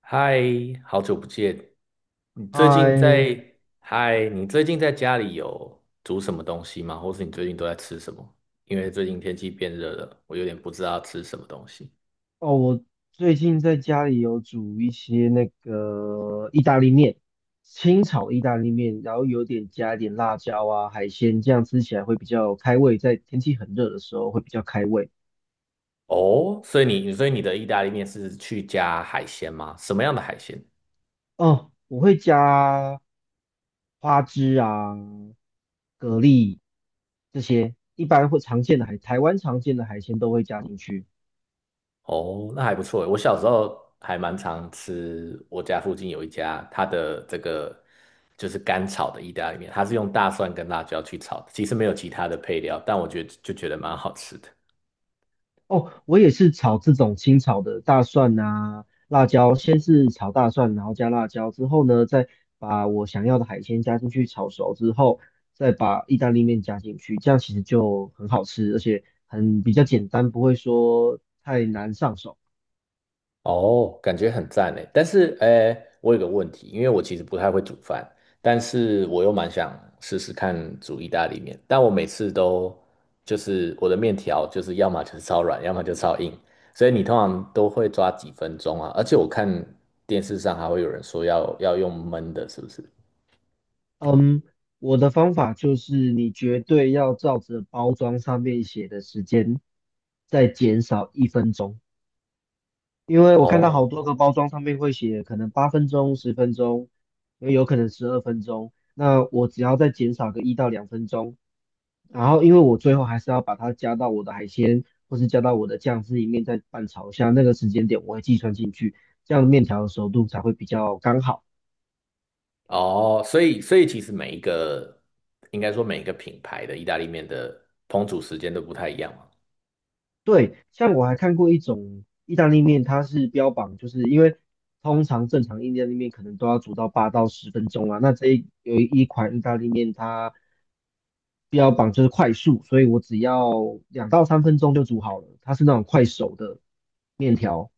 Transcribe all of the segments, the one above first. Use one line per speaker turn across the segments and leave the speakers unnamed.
嗨，好久不见！你最近
嗨。
在，嗨，你最近在家里有煮什么东西吗？或是你最近都在吃什么？因为最近天气变热了，我有点不知道吃什么东西。
哦，我最近在家里有煮一些意大利面，清炒意大利面，然后有点加一点辣椒啊、海鲜，这样吃起来会比较开胃，在天气很热的时候会比较开胃。
哦，所以你的意大利面是去加海鲜吗？什么样的海鲜？
哦，我会加花枝啊、蛤蜊这些，一般会常见的海，台湾常见的海鲜都会加进去。
哦，那还不错诶。我小时候还蛮常吃，我家附近有一家，它的这个就是干炒的意大利面，它是用大蒜跟辣椒去炒的，其实没有其他的配料，但我觉得就觉得蛮好吃的。
哦，我也是炒这种清炒的大蒜啊、辣椒，先是炒大蒜，然后加辣椒，之后呢，再把我想要的海鲜加进去炒熟之后，再把意大利面加进去，这样其实就很好吃，而且很比较简单，不会说太难上手。
哦，感觉很赞诶。但是，诶，我有个问题，因为我其实不太会煮饭，但是我又蛮想试试看煮意大利面，但我每次都就是我的面条就是要么就是超软，要么就超硬，所以你通常都会抓几分钟啊？而且我看电视上还会有人说要用焖的，是不是？
嗯，我的方法就是你绝对要照着包装上面写的时间，再减少一分钟。因为我看到好
哦。
多个包装上面会写可能八分钟、十分钟，也有可能十二分钟。那我只要再减少个一到两分钟，然后因为我最后还是要把它加到我的海鲜或是加到我的酱汁里面再拌炒一下，那个时间点我会计算进去，这样面条的熟度才会比较刚好。
哦，所以其实每一个应该说每一个品牌的意大利面的烹煮时间都不太一样嘛。
对，像我还看过一种意大利面，它是标榜就是因为通常正常意大利面可能都要煮到八到十分钟啊，那这一有一款意大利面它标榜就是快速，所以我只要两到三分钟就煮好了，它是那种快手的面条。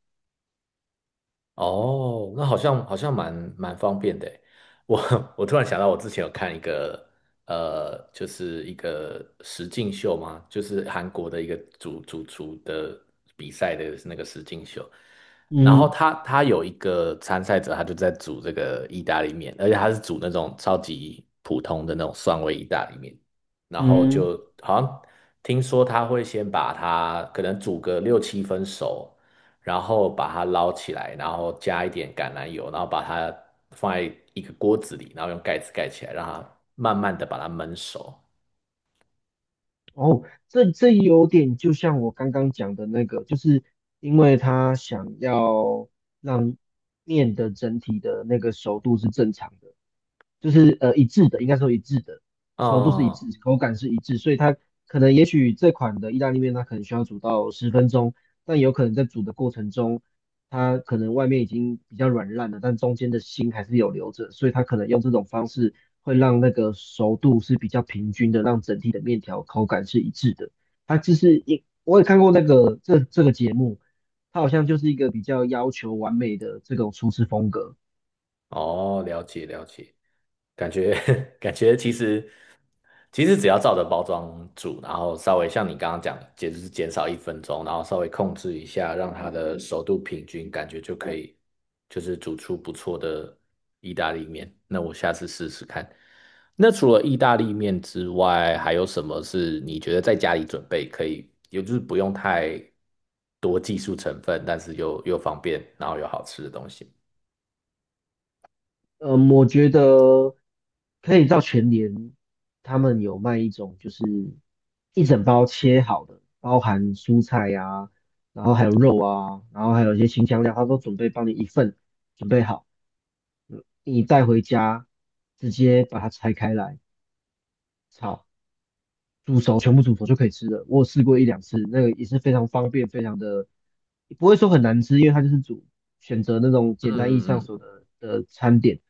哦，那好像好像蛮蛮方便的诶。我 我突然想到，我之前有看一个就是一个实境秀嘛，就是韩国的一个主厨的比赛的那个实境秀。然后
嗯
他有一个参赛者，他就在煮这个意大利面，而且他是煮那种超级普通的那种蒜味意大利面。然后
嗯。
就好像听说他会先把它可能煮个六七分熟。然后把它捞起来，然后加一点橄榄油，然后把它放在一个锅子里，然后用盖子盖起来，让它慢慢的把它焖熟。
哦，这这有点就像我刚刚讲的那个，就是因为他想要让面的整体的那个熟度是正常的。就是一致的，应该说一致的，熟度是一
嗯。
致，口感是一致，所以它可能也许这款的意大利面它可能需要煮到十分钟，但有可能在煮的过程中，它可能外面已经比较软烂了，但中间的心还是有留着，所以它可能用这种方式会让那个熟度是比较平均的，让整体的面条口感是一致的。它就是一，我也看过那个这个节目，它好像就是一个比较要求完美的这种厨师风格。
哦，了解了解，感觉 感觉其实其实只要照着包装煮，然后稍微像你刚刚讲的，也就是减少一分钟，然后稍微控制一下，让它的熟度平均，感觉就可以就是煮出不错的意大利面。那我下次试试看。那除了意大利面之外，还有什么是你觉得在家里准备可以，也就是不用太多技术成分，但是又方便，然后又好吃的东西？
嗯，我觉得可以到全联，他们有卖一种就是一整包切好的，包含蔬菜呀、然后还有肉啊，然后还有一些清香料，他都准备帮你一份准备好，你带回家直接把它拆开来炒，煮熟，全部煮熟就可以吃了。我有试过一两次，那个也是非常方便，非常的不会说很难吃，因为它就是煮选择那种
嗯
简单易
嗯
上
嗯。
手的餐点，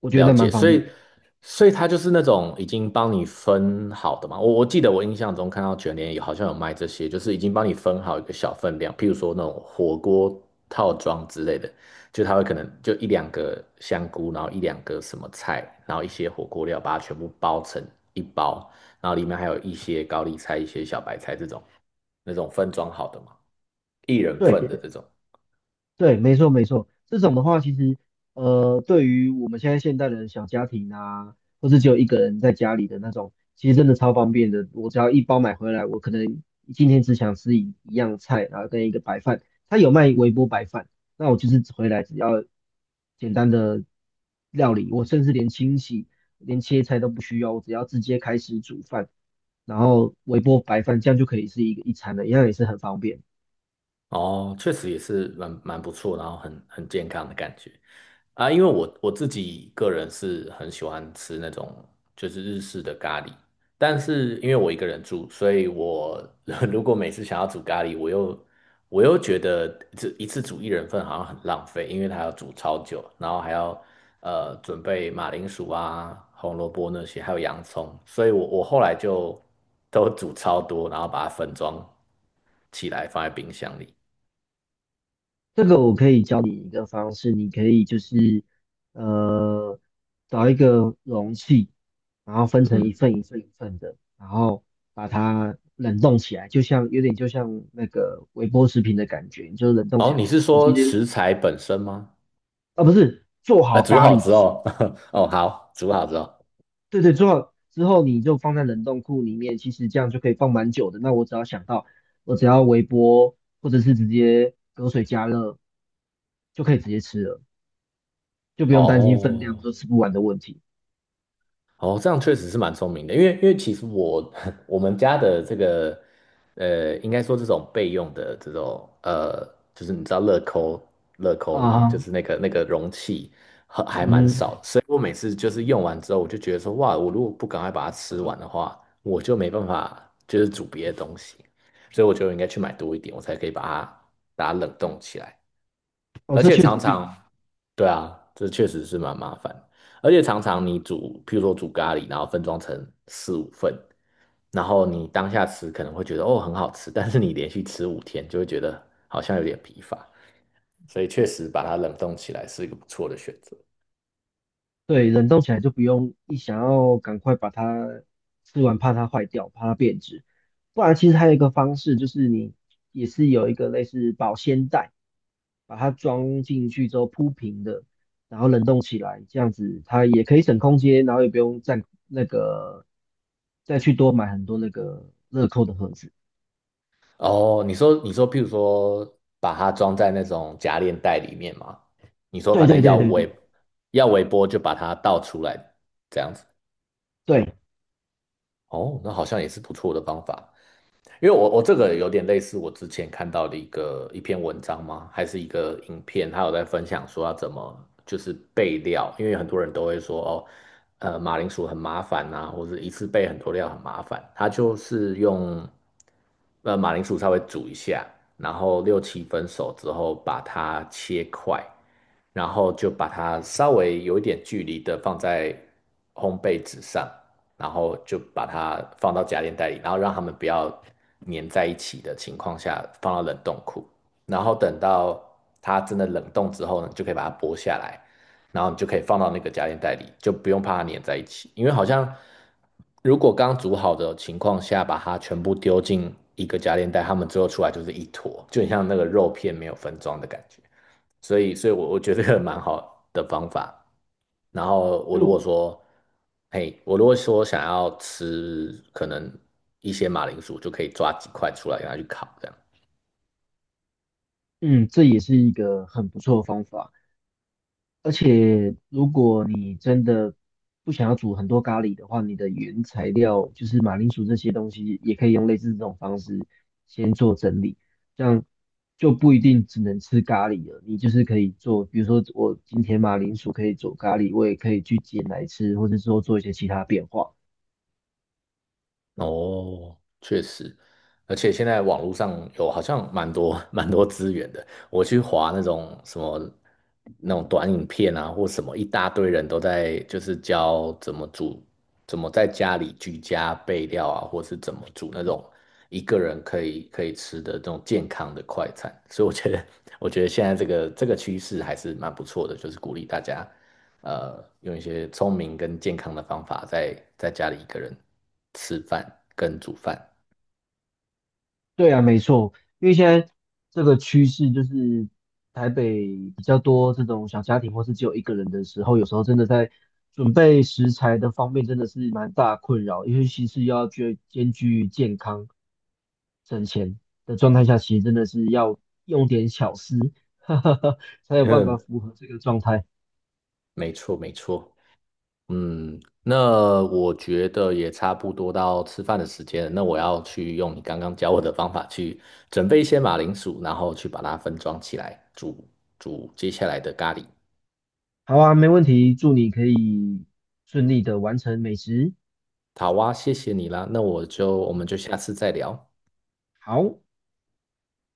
我觉得那
了
蛮
解，
方
所
便
以
的。
所以它就是那种已经帮你分好的嘛。我记得我印象中看到卷帘有好像有卖这些，就是已经帮你分好一个小分量，譬如说那种火锅套装之类的，就它会可能就一两个香菇，然后一两个什么菜，然后一些火锅料，把它全部包成一包，然后里面还有一些高丽菜、一些小白菜这种那种分装好的嘛，一人份的
对。
这种。
对，没错没错，这种的话，其实对于我们现在现代的小家庭啊，或是只有一个人在家里的那种，其实真的超方便的。我只要一包买回来，我可能今天只想吃一样菜，然后跟一个白饭，他有卖微波白饭，那我就是回来只要简单的料理，我甚至连清洗、连切菜都不需要，我只要直接开始煮饭，然后微波白饭，这样就可以是一个一餐了，一样也是很方便。
哦，确实也是蛮蛮不错，然后很很健康的感觉。啊，因为我自己个人是很喜欢吃那种就是日式的咖喱，但是因为我一个人住，所以我 如果每次想要煮咖喱，我又觉得这一次煮一人份好像很浪费，因为它要煮超久，然后还要准备马铃薯啊、红萝卜那些，还有洋葱，所以我后来就都煮超多，然后把它分装起来放在冰箱里。
这个我可以教你一个方式，你可以就是呃找一个容器，然后分成一
嗯。
份一份一份的，然后把它冷冻起来，就像有点就像那个微波食品的感觉，你就冷冻起
哦，
来。
你是
我今
说
天
食材本身吗？
不是做
呃，
好
煮
咖
好
喱的
之
时候
后，哦，好，煮好之后，
对对，做好之后你就放在冷冻库里面，其实这样就可以放蛮久的。那我只要想到，我只要微波或者是直接隔水加热就可以直接吃了。就不用担心分量
哦。
说吃不完的问题。
哦，这样确实是蛮聪明的，因为因为其实我 我们家的这个，呃，应该说这种备用的这种，就是你知道乐扣的吗？就
啊。
是那个容器还蛮
嗯。
少，所以我每次就是用完之后，我就觉得说，哇，我如果不赶快把它吃完的话，我就没办法就是煮别的东西，所以我觉得我应该去买多一点，我才可以把它冷冻起来。
哦，
而
这
且
确
常
实是个
常，对啊，这确实是蛮麻烦。而且常常你煮，譬如说煮咖喱，然后分装成四五份，然后你当下吃可能会觉得哦很好吃，但是你连续吃五天就会觉得好像有点疲乏，所以确实把它冷冻起来是一个不错的选择。
对，冷冻起来就不用一想要赶快把它吃完，怕它坏掉，怕它变质。不然其实还有一个方式，就是你也是有一个类似保鲜袋，把它装进去之后铺平的，然后冷冻起来，这样子它也可以省空间，然后也不用再那个再去多买很多那个乐扣的盒子。
哦，你说譬如说把它装在那种夹链袋里面嘛，你说
对
反
对
正
对对对
要微波就把它倒出来这样子。
对，
哦，那好像也是不错的方法。因为我这个有点类似我之前看到的一个一篇文章吗？还是一个影片，他有在分享说要怎么就是备料，因为很多人都会说哦，马铃薯很麻烦呐、或者一次备很多料很麻烦。他就是用马铃薯稍微煮一下，然后六七分熟之后把它切块，然后就把它稍微有一点距离的放在烘焙纸上，然后就把它放到家电袋里，然后让它们不要粘在一起的情况下放到冷冻库，然后等到它真的冷冻之后呢，你就可以把它剥下来，然后你就可以放到那个家电袋里，就不用怕它粘在一起，因为好像如果刚煮好的情况下把它全部丢进一个家电袋，它们最后出来就是一坨，就很像那个肉片没有分装的感觉，所以，所以我觉得这个蛮好的方法。然后我如
就
果说，嘿，我如果说想要吃可能一些马铃薯，就可以抓几块出来给它去烤，这样。
嗯，这也是一个很不错的方法。而且，如果你真的不想要煮很多咖喱的话，你的原材料就是马铃薯这些东西，也可以用类似这种方式先做整理，这样就不一定只能吃咖喱了。你就是可以做，比如说我今天马铃薯可以做咖喱，我也可以去煎来吃，或者说做一些其他变化。
哦，确实，而且现在网络上有好像蛮多 蛮多资源的。我去划那种什么那种短影片啊，或什么，一大堆人都在就是教怎么煮，怎么在家里居家备料啊，或是怎么煮那种一个人可以吃的这种健康的快餐。所以我觉得，我觉得现在这个趋势还是蛮不错的，就是鼓励大家用一些聪明跟健康的方法在，在家里一个人吃饭跟煮饭。
对啊，没错，因为现在这个趋势就是台北比较多这种小家庭或是只有一个人的时候，有时候真的在准备食材的方面真的是蛮大困扰，尤其是要兼具健康省钱的状态下，其实真的是要用点巧思，哈哈哈，才有办法
嗯，
符合这个状态。
没错，没错。嗯，那我觉得也差不多到吃饭的时间了。那我要去用你刚刚教我的方法去准备一些马铃薯，然后去把它分装起来煮接下来的咖喱。
好啊，没问题，祝你可以顺利的完成美食。
好啊，谢谢你啦。那我们就下次再聊。
好。